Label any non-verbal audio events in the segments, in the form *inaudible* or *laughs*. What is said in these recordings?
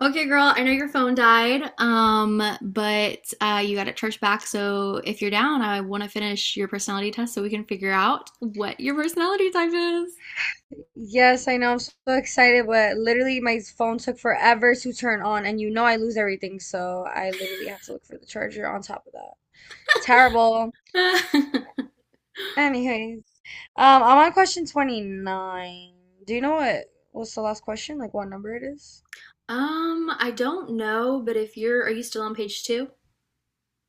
Okay, girl, I know your phone died, but you got it charged back. So if you're down, I want to finish your personality test so we can figure out what your personality type is. Yes, I know. I'm so excited, but literally my phone took forever to turn on, and you know I lose everything, so I literally had to look for the charger on top of that. Terrible. *laughs* Anyways, I'm on question 29. Do you know what's the last question? Like what number it is? I don't know, but if you're, are you still on page two?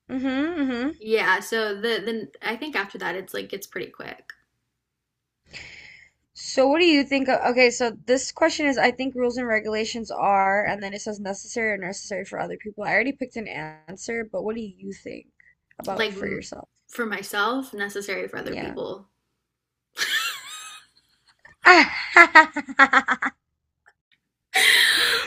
Mm-hmm, mm-hmm. Yeah, so then I think after that it's pretty quick. So what do you think of, okay, so this question is I think rules and regulations are, and then it says necessary or necessary for other people. I already picked an answer, but what do you think about Like for m- yourself? for myself, necessary for other Yeah. people. Ah,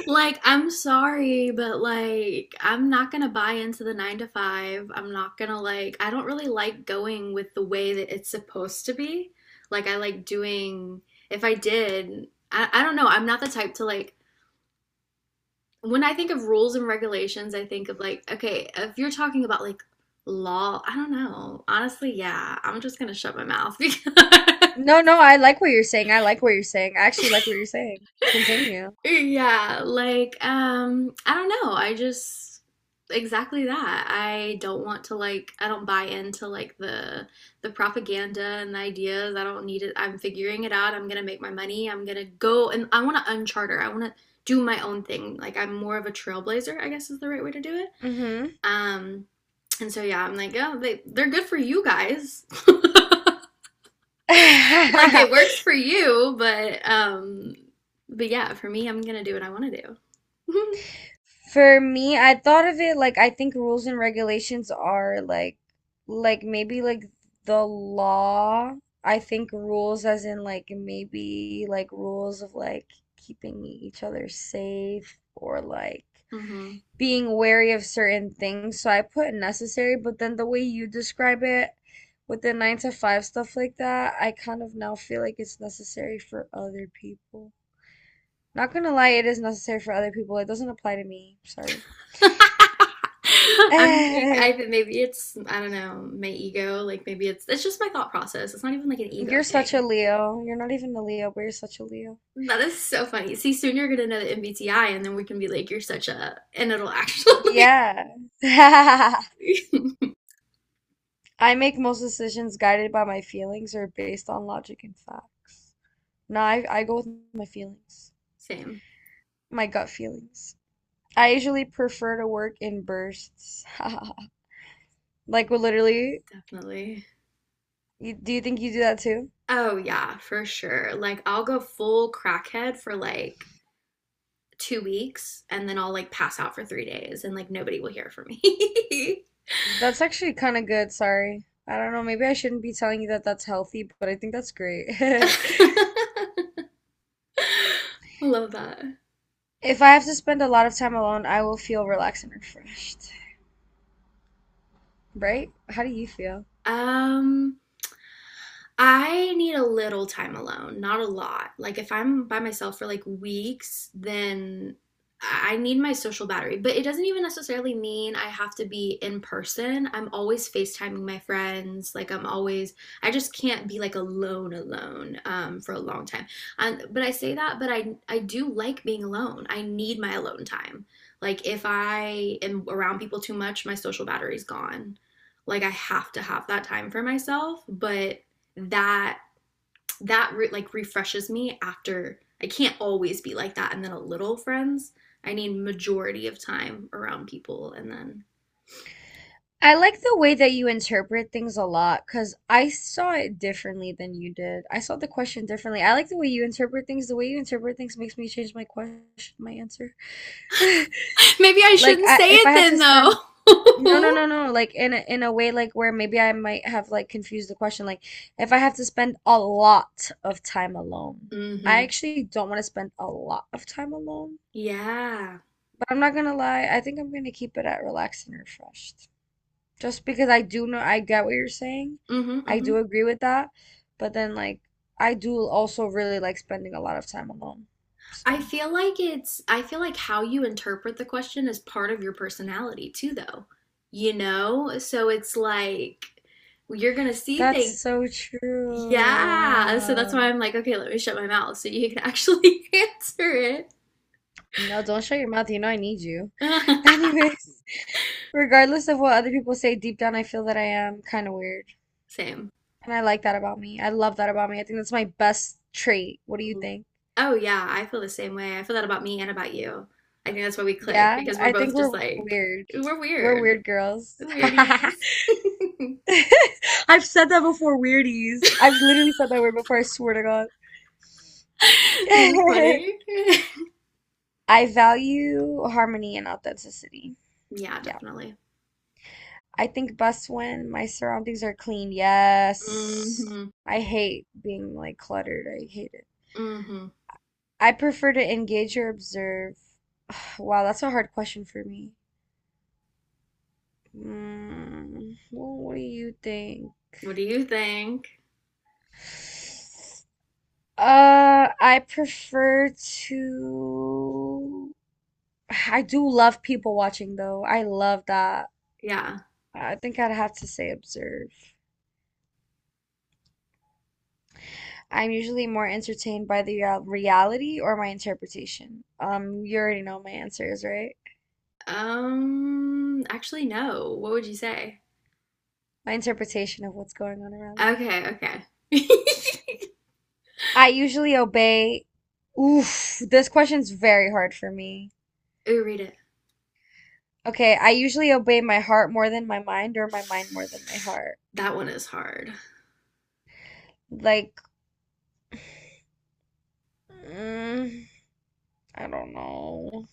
Like, I'm sorry, but like, I'm not gonna buy into the nine to five. I'm not gonna like, I don't really like going with the way that it's supposed to be. Like, I like doing, if I did, I don't know. I'm not the type to like, when I think of rules and regulations, I think of like, okay, if you're talking about like law, I don't know. Honestly, yeah, I'm just gonna shut my mouth because *laughs* *laughs* No, no, I like what you're saying. I like what you're saying. I actually like what you're saying. Continue. *laughs* Yeah, like I don't know. I just Exactly that. I don't want to like I don't buy into like the propaganda and the ideas. I don't need it. I'm figuring it out. I'm gonna make my money. I'm gonna go and I want to uncharter. I want to do my own thing. Like I'm more of a trailblazer, I guess is the right way to do it. Hmm. Um and so yeah, I'm like, "Oh, they're good for you guys." *laughs* Like it works *laughs* for you, but but yeah, for me, I'm gonna do what I want to do. *laughs* For me, I thought of it like I think rules and regulations are like maybe like the law. I think rules as in like maybe like rules of like keeping each other safe or like Hmm. being wary of certain things. So I put necessary, but then the way you describe it with the nine to five stuff like that, I kind of now feel like it's necessary for other people. Not gonna lie, it is necessary for other people. It doesn't apply to me. Sorry. *laughs* I'm like, I *laughs* think maybe it's, I don't know, my ego. Like maybe it's just my thought process. It's not even like an ego You're such thing. a Leo. You're not even a Leo, but you're such a Leo. That is so funny. See, soon you're gonna know the MBTI, and then we can be like, you're such a, and it'll actually Yeah. *laughs* *laughs* I make most decisions guided by my feelings or based on logic and facts. No, I go with my feelings, same, my gut feelings. I usually prefer to work in bursts. *laughs* Like, well, literally, definitely. Do you think you do that too? Oh yeah, for sure. Like I'll go full crackhead for like 2 weeks, and then I'll like pass out for 3 days, and like nobody will hear from me. That's actually kind of good, sorry. I don't know, maybe I shouldn't be telling you that that's healthy, but I think that's great. *laughs* *laughs* Love that. If I have to spend a lot of time alone, I will feel relaxed and refreshed. Right? How do you feel? Um. I need a little time alone, not a lot. Like if I'm by myself for like weeks, then I need my social battery. But it doesn't even necessarily mean I have to be in person. I'm always FaceTiming my friends. Like I'm always I just can't be like alone alone, for a long time. But I say that, but I do like being alone. I need my alone time. Like if I am around people too much, my social battery's gone. Like I have to have that time for myself, but that like refreshes me after I can't always be like that and then a little friends. I need majority of time around people and then I like the way that you interpret things a lot because I saw it differently than you did. I saw the question differently. I like the way you interpret things. The way you interpret things makes me change my question, my answer. *laughs* *laughs* maybe I Like shouldn't I say if it I have then to though. spend no, no, *laughs* no, no, like in a way like where maybe I might have like confused the question like if I have to spend a lot of time alone. I Mm-hmm. actually don't want to spend a lot of time alone, Yeah. but I'm not gonna lie, I think I'm gonna keep it at relaxed and refreshed. Just because I do know I get what you're saying. Mm-hmm, I mm-hmm. do agree with that, but then like I do also really like spending a lot of time alone. I So feel like it's I feel like how you interpret the question is part of your personality too though. You know? So it's like you're going to see that's things. so true. Yeah, so Wow. that's why I'm like, okay, let me shut my mouth so you can actually *laughs* answer it. No, don't shut your mouth. You know I need you. *laughs* *laughs* Anyways, regardless of what other people say, deep down I feel that I am kind of weird. Same. And I like that about me. I love that about me. I think that's my best trait. What do you think? Oh yeah, I feel the same way. I feel that about me and about you. I think that's why we click Yeah, because we're I both think we're just like weird. we're We're weird. weird girls. *laughs* I've Weirdies. *laughs* said that before, weirdies. I've literally said that word before, I swear to God. That is funny. *laughs* *laughs* I value harmony and authenticity. Yeah, Yeah. definitely. I think best when my surroundings are clean. Yes. Hmm. I hate being like cluttered. I hate it. Hmm. I prefer to engage or observe. *sighs* Wow, that's a hard question for me. Well, what do you think? What do you think? I prefer to. *sighs* I do love people watching though. I love that. Yeah. I think I'd have to say observe. I'm usually more entertained by the reality or my interpretation. You already know my answers, right? Actually, no. What would you say? My interpretation of what's going on around me. Okay, okay. *laughs* I usually obey. Oof, this question's very hard for me. Ooh, read it. Okay, I usually obey my heart more than my mind, or my mind more than my heart. That one is hard. Like, mm, I don't know.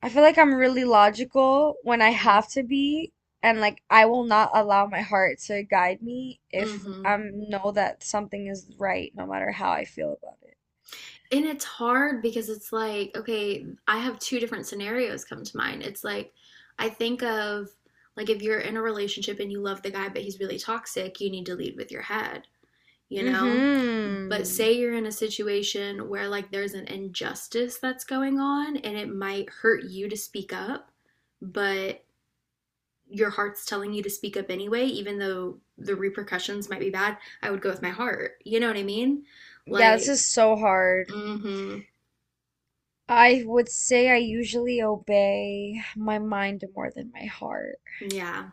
I feel like I'm really logical when I have to be, and like I will not allow my heart to guide me if Mm-hmm. I know that something is right, no matter how I feel about it. And it's hard because it's like, okay, I have two different scenarios come to mind. It's like, I think of like if you're in a relationship and you love the guy, but he's really toxic, you need to lead with your head, you know? But Mm-hmm. say you're in a situation where like there's an injustice that's going on and it might hurt you to speak up, but your heart's telling you to speak up anyway, even though the repercussions might be bad, I would go with my heart. You know what I mean? Yeah, this Like, is so hard. mm-hmm. I would say I usually obey my mind more than my heart, Yeah.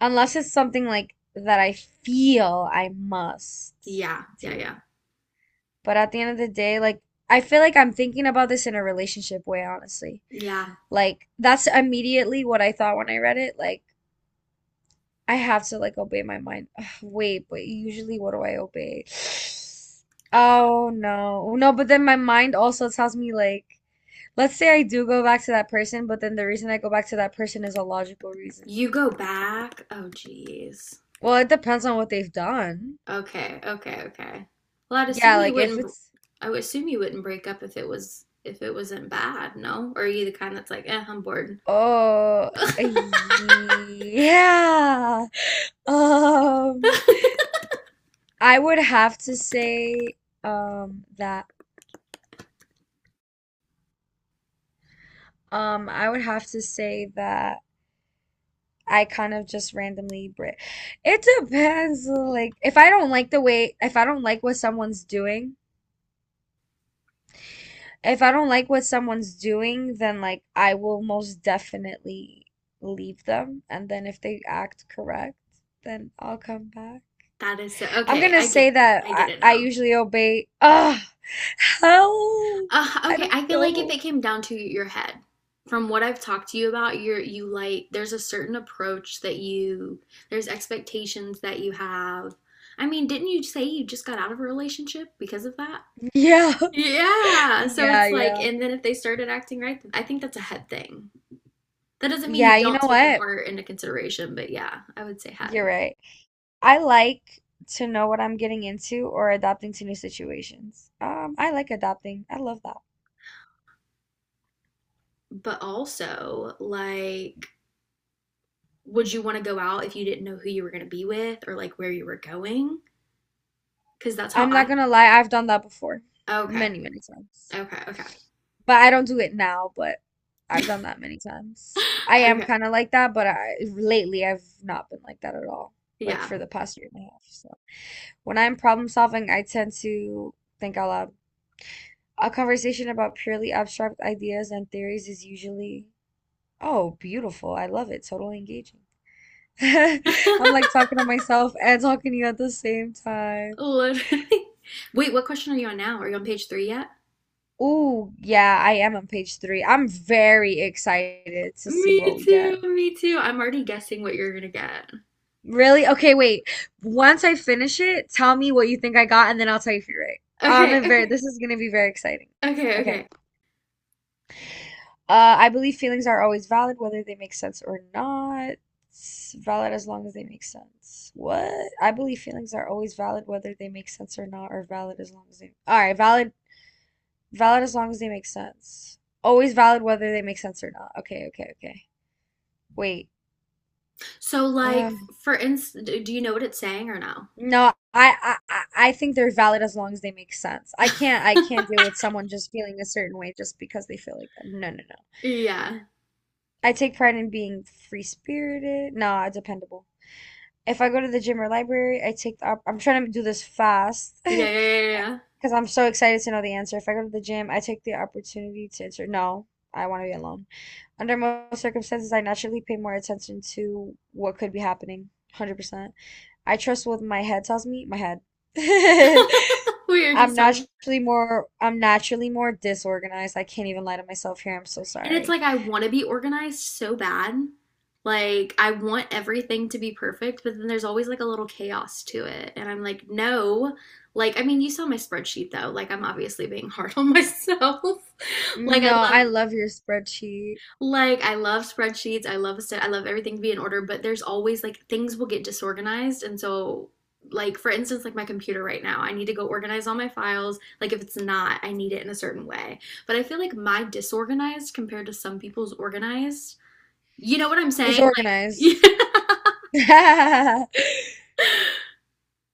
unless it's something like that I feel I must Yeah. Yeah. Yeah. do. But at the end of the day, like I feel like I'm thinking about this in a relationship way, honestly. Yeah. Like that's immediately what I thought when I read it. Like I have to like obey my mind. *sighs* Ugh, wait, but usually what do I obey? *sighs* Oh no. No, but then my mind also tells me like let's say I do go back to that person, but then the reason I go back to that person is a logical reason. You go back. Oh, geez. Well, it depends on what they've done. Okay. Okay. Okay. Well, I'd Yeah, assume you like if wouldn't, it's I would assume you wouldn't break up if it was, if it wasn't bad, no? Or are you the kind that's like, eh, I'm bored. oh, yeah. *laughs* Um I would have to say um that I would have to say that I kind of just randomly bri It depends. Like, if I don't like the way, if I don't like what someone's doing, then like I will most definitely leave them. And then if they act correct, then I'll come back. That is so, I'm okay. gonna say that I get I, it I now. usually obey. Ugh, help! I Okay, don't I feel like if it know. came down to your head, from what I've talked to you about, you like there's a certain approach that you there's expectations that you have. I mean, didn't you say you just got out of a relationship because of that? Yeah. *laughs* Yeah. So Yeah, it's like, yeah. and then if they started acting right, I think that's a head thing. That doesn't mean you Yeah, you don't know take your what? heart into consideration, but yeah, I would say head. You're right. I like to know what I'm getting into or adapting to new situations. I like adapting. I love that. But also, like, would you want to go out if you didn't know who you were going to be with or like where you were going? Because that's how I'm not I gonna lie, I've done that before. okay. Many, many times. Okay. Okay. But I don't do it now, but I've done that many times. *laughs* I am Okay. kind of like that, but I lately I've not been like that at all. Like Yeah. for the past year and a half. So when I'm problem solving, I tend to think out loud. A conversation about purely abstract ideas and theories is usually, oh, beautiful. I love it. Totally engaging. *laughs* I'm like *laughs* talking to myself and talking to you at the same time. Literally. Wait, what question are you on now? Are you on page three yet? Ooh, yeah, I am on page 3. I'm very excited to see Me what we get. too. Me too. I'm already guessing what you're gonna get. Really? Okay, wait. Once I finish it, tell me what you think I got, and then I'll tell you if you're right. Okay. I'm very, Okay. this is gonna be very exciting. Okay. Okay. Okay. I believe feelings are always valid, whether they make sense or not. It's valid as long as they make sense. What? I believe feelings are always valid, whether they make sense or not, or valid as long as they. All right, valid. Valid as long as they make sense. Always valid whether they make sense or not. Okay, okay, okay. Wait. So, like, Ugh. for instance, do you know what it's saying or no? No, I think they're valid as long as they make sense. I can't *laughs* deal with someone just feeling a certain way just because they feel like that. No, no, no. Yeah. I take pride in being free spirited. Nah, dependable. If I go to the gym or library, I take I'm trying to do this fast *laughs* Yeah. Yeah. Yeah. because I'm so excited to know the answer. If I go to the gym, I take the opportunity to answer. No, I want to be alone. Under most circumstances, I naturally pay more attention to what could be happening. 100%. I trust what my head tells me, my head. Yeah. *laughs* *laughs* We were I'm just talking about. naturally more I'm naturally more disorganized. I can't even lie to myself here. I'm so And it's sorry. like I want to be organized so bad. Like I want everything to be perfect, but then there's always like a little chaos to it. And I'm like, no. Like I mean, you saw my spreadsheet though. Like I'm obviously being *laughs* hard on myself. *laughs* Like I No, love I love your spreadsheet. like, I love spreadsheets. I love a set. I love everything to be in order, but there's always like things will get disorganized. And so, like, for instance, like my computer right now, I need to go organize all my files. Like, if it's not, I need it in a certain way. But I feel like my disorganized compared to some people's organized, you know what I'm It's saying? organized. Like, *laughs* *laughs*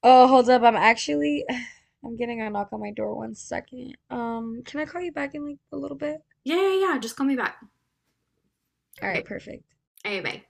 Oh, hold up. I'm actually *sighs* I'm getting a knock on my door. One second. Can I call you back in like a little bit? yeah, yeah, yeah. Just call me back. All All right, right. perfect. All right, bye.